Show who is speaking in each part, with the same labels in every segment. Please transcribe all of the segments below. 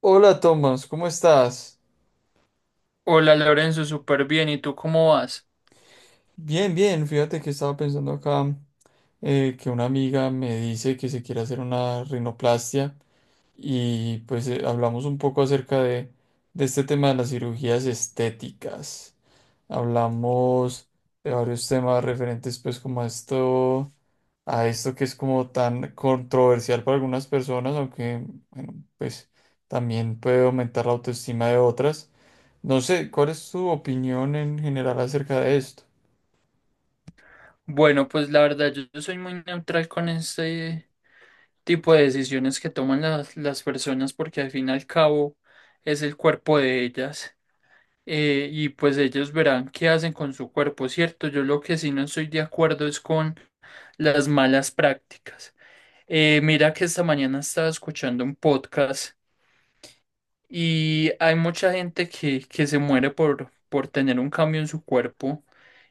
Speaker 1: Hola Tomás, ¿cómo estás?
Speaker 2: Hola Lorenzo, súper bien. ¿Y tú cómo vas?
Speaker 1: Bien, bien, fíjate que estaba pensando acá que una amiga me dice que se quiere hacer una rinoplastia y pues hablamos un poco de este tema de las cirugías estéticas. Hablamos de varios temas referentes pues como a esto que es como tan controversial para algunas personas, aunque bueno, pues también puede aumentar la autoestima de otras. No sé, ¿cuál es tu opinión en general acerca de esto?
Speaker 2: Bueno, pues la verdad, yo soy muy neutral con este tipo de decisiones que toman las personas porque al fin y al cabo es el cuerpo de ellas, y pues ellos verán qué hacen con su cuerpo, ¿cierto? Yo lo que sí no estoy de acuerdo es con las malas prácticas. Mira que esta mañana estaba escuchando un podcast. Y hay mucha gente que se muere por tener un cambio en su cuerpo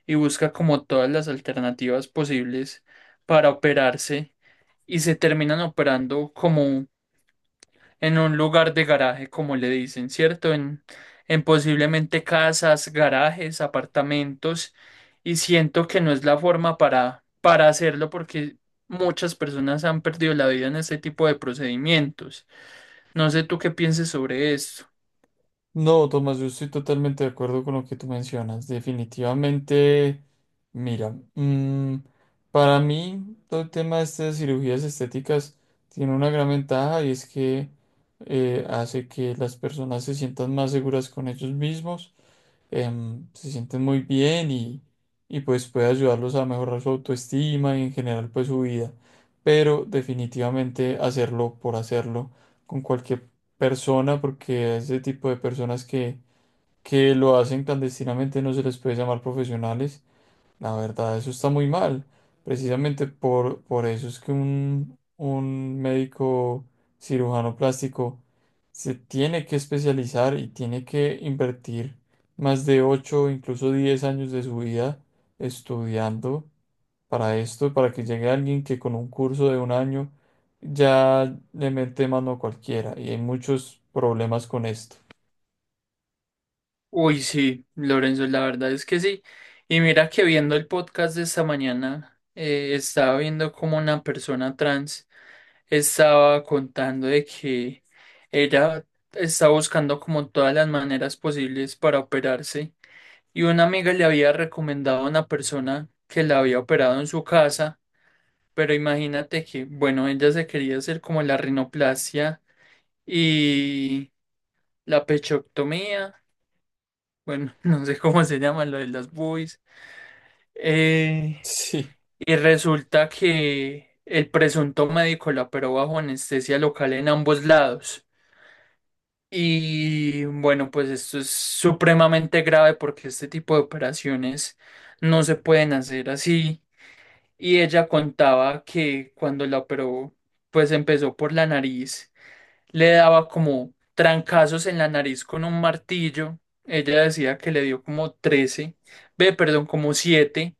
Speaker 2: y busca como todas las alternativas posibles para operarse y se terminan operando como en un lugar de garaje, como le dicen, ¿cierto? En posiblemente casas, garajes, apartamentos, y siento que no es la forma para hacerlo porque muchas personas han perdido la vida en este tipo de procedimientos. No sé tú qué pienses sobre esto.
Speaker 1: No, Tomás, yo estoy totalmente de acuerdo con lo que tú mencionas. Definitivamente, mira, para mí todo el tema de estas cirugías estéticas tiene una gran ventaja, y es que hace que las personas se sientan más seguras con ellos mismos, se sienten muy bien y pues puede ayudarlos a mejorar su autoestima y en general pues su vida. Pero definitivamente hacerlo por hacerlo con cualquier persona, porque a ese tipo de que lo hacen clandestinamente no se les puede llamar profesionales. La verdad, eso está muy mal. Precisamente por eso es que un médico cirujano plástico se tiene que especializar y tiene que invertir más de 8, incluso 10 años de su vida estudiando para esto, para que llegue alguien que con un curso de 1 año ya le mete mano a cualquiera. Y hay muchos problemas con esto.
Speaker 2: Uy, sí, Lorenzo, la verdad es que sí. Y mira que viendo el podcast de esta mañana, estaba viendo como una persona trans estaba contando de que ella está buscando como todas las maneras posibles para operarse. Y una amiga le había recomendado a una persona que la había operado en su casa, pero imagínate que, bueno, ella se quería hacer como la rinoplastia y la pechoctomía. Bueno, no sé cómo se llama lo de las buis. Eh,
Speaker 1: Sí.
Speaker 2: y resulta que el presunto médico la operó bajo anestesia local en ambos lados. Y bueno, pues esto es supremamente grave porque este tipo de operaciones no se pueden hacer así. Y ella contaba que cuando la operó, pues empezó por la nariz, le daba como trancazos en la nariz con un martillo. Ella decía que le dio como 13 ve, perdón, como siete,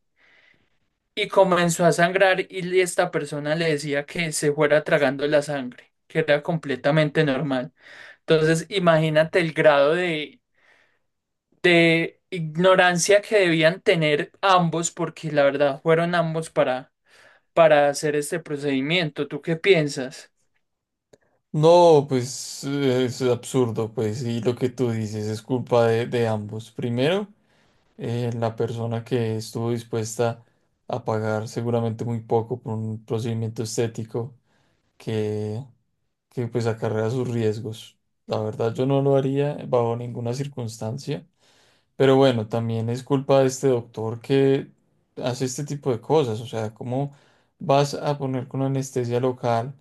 Speaker 2: y comenzó a sangrar y esta persona le decía que se fuera tragando la sangre, que era completamente normal. Entonces, imagínate el grado de ignorancia que debían tener ambos, porque la verdad fueron ambos para hacer este procedimiento. ¿Tú qué piensas?
Speaker 1: No, pues es absurdo, pues, y lo que tú dices es culpa de ambos. Primero, la persona que estuvo dispuesta a pagar seguramente muy poco por un procedimiento estético que, que pues acarrea sus riesgos. La verdad yo no lo haría bajo ninguna circunstancia, pero bueno, también es culpa de este doctor que hace este tipo de cosas. O sea, ¿cómo vas a poner con anestesia local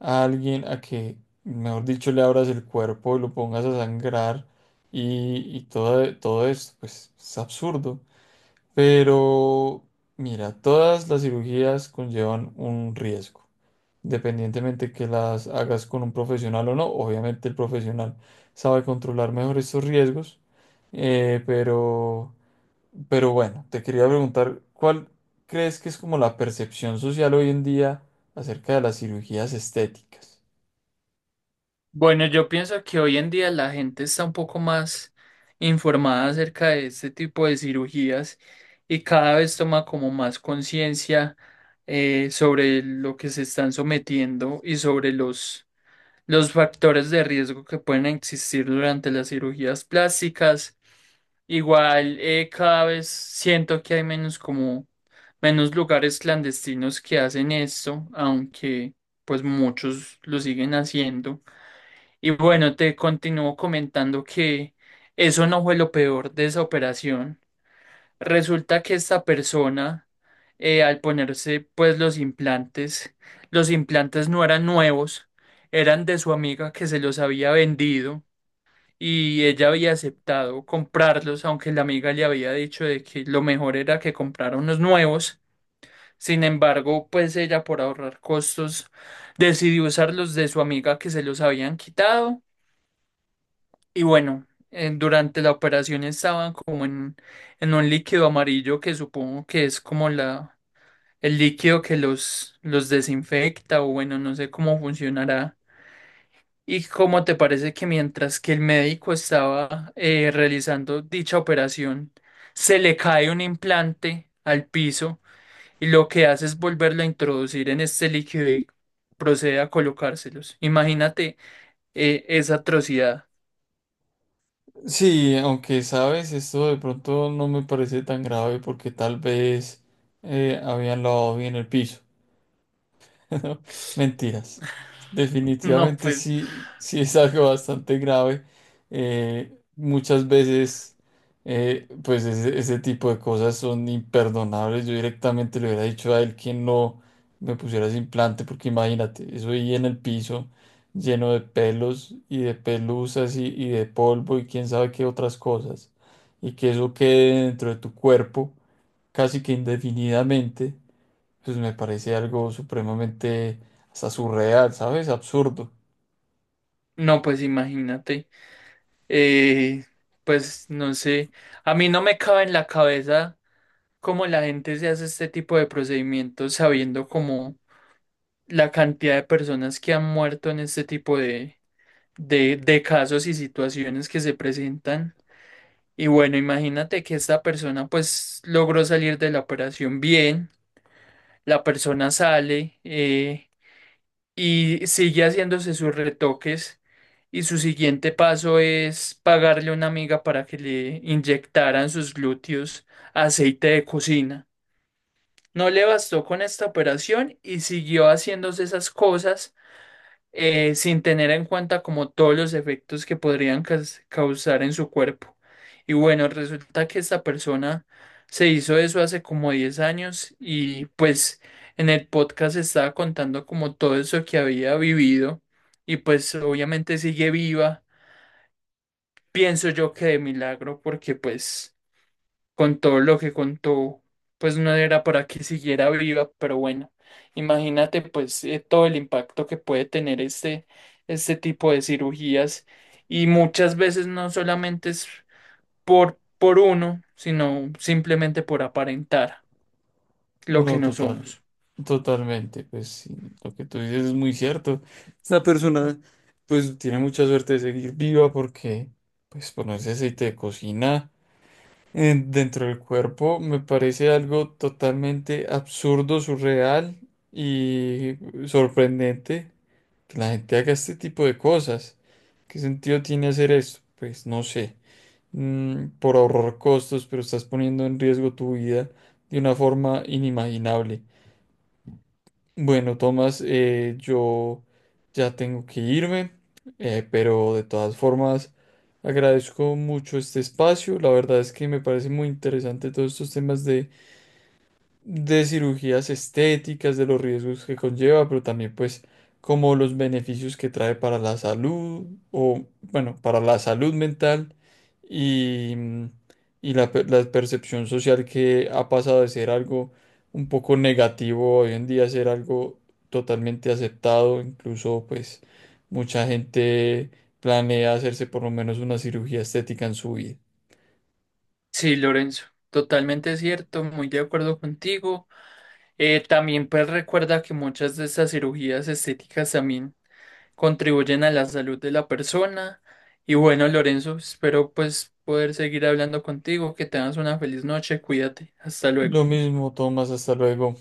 Speaker 1: a alguien a que, mejor dicho, le abras el cuerpo y lo pongas a sangrar y todo, todo esto? Pues es absurdo. Pero, mira, todas las cirugías conllevan un riesgo, independientemente que las hagas con un profesional o no. Obviamente el profesional sabe controlar mejor estos riesgos. Pero pero bueno, te quería preguntar, ¿cuál crees que es como la percepción social hoy en día acerca de las cirugías estéticas?
Speaker 2: Bueno, yo pienso que hoy en día la gente está un poco más informada acerca de este tipo de cirugías y cada vez toma como más conciencia sobre lo que se están sometiendo y sobre los factores de riesgo que pueden existir durante las cirugías plásticas. Igual, cada vez siento que hay menos, como menos lugares clandestinos que hacen esto, aunque pues muchos lo siguen haciendo. Y bueno, te continúo comentando que eso no fue lo peor de esa operación. Resulta que esta persona, al ponerse pues los implantes no eran nuevos, eran de su amiga que se los había vendido y ella había aceptado comprarlos, aunque la amiga le había dicho de que lo mejor era que comprara unos nuevos. Sin embargo, pues ella por ahorrar costos decidió usar los de su amiga que se los habían quitado. Y bueno, durante la operación estaban como en un líquido amarillo, que supongo que es como la, el líquido que los desinfecta o bueno, no sé cómo funcionará. ¿Y cómo te parece que mientras que el médico estaba realizando dicha operación, se le cae un implante al piso y lo que hace es volverlo a introducir en este líquido y procede a colocárselos? Imagínate esa atrocidad.
Speaker 1: Sí, aunque sabes, esto de pronto no me parece tan grave, porque tal vez habían lavado bien el piso. Mentiras.
Speaker 2: No,
Speaker 1: Definitivamente
Speaker 2: pues.
Speaker 1: sí, sí es algo bastante grave. Muchas veces, pues ese tipo de cosas son imperdonables. Yo directamente le hubiera dicho a él que no me pusiera ese implante, porque imagínate, eso ahí en el piso, lleno de pelos y de pelusas y de polvo y quién sabe qué otras cosas. Y que eso quede dentro de tu cuerpo casi que indefinidamente, pues me parece algo supremamente hasta surreal, ¿sabes? Absurdo.
Speaker 2: No, pues imagínate, eh, pues no sé, a mí no me cabe en la cabeza cómo la gente se hace este tipo de procedimientos sabiendo como la cantidad de personas que han muerto en este tipo de casos y situaciones que se presentan. Y bueno, imagínate que esta persona pues logró salir de la operación bien, la persona sale, y sigue haciéndose sus retoques y su siguiente paso es pagarle a una amiga para que le inyectaran sus glúteos aceite de cocina. No le bastó con esta operación y siguió haciéndose esas cosas sin tener en cuenta como todos los efectos que podrían causar en su cuerpo. Y bueno, resulta que esta persona se hizo eso hace como 10 años y pues en el podcast estaba contando como todo eso que había vivido y pues obviamente sigue viva. Pienso yo que de milagro porque pues con todo lo que contó, pues no era para que siguiera viva, pero bueno, imagínate pues todo el impacto que puede tener este, este tipo de cirugías, y muchas veces no solamente es por uno, sino simplemente por aparentar lo que
Speaker 1: No,
Speaker 2: no
Speaker 1: total,
Speaker 2: somos.
Speaker 1: totalmente. Pues sí, lo que tú dices es muy cierto. Esta persona pues tiene mucha suerte de seguir viva, porque pues ponerse aceite de cocina dentro del cuerpo me parece algo totalmente absurdo, surreal y sorprendente. Que la gente haga este tipo de cosas. ¿Qué sentido tiene hacer esto? Pues no sé, mm, por ahorrar costos, pero estás poniendo en riesgo tu vida de una forma inimaginable. Bueno, Tomás, yo ya tengo que irme, pero de todas formas agradezco mucho este espacio. La verdad es que me parece muy interesante todos estos temas de cirugías estéticas, de los riesgos que conlleva, pero también pues como los beneficios que trae para la salud o bueno, para la salud mental y, y la percepción social, que ha pasado de ser algo un poco negativo hoy en día a ser algo totalmente aceptado, incluso pues mucha gente planea hacerse por lo menos una cirugía estética en su vida.
Speaker 2: Sí, Lorenzo, totalmente cierto, muy de acuerdo contigo. También pues recuerda que muchas de estas cirugías estéticas también contribuyen a la salud de la persona. Y bueno, Lorenzo, espero pues poder seguir hablando contigo, que tengas una feliz noche, cuídate, hasta luego.
Speaker 1: Lo mismo, Tomás, hasta luego.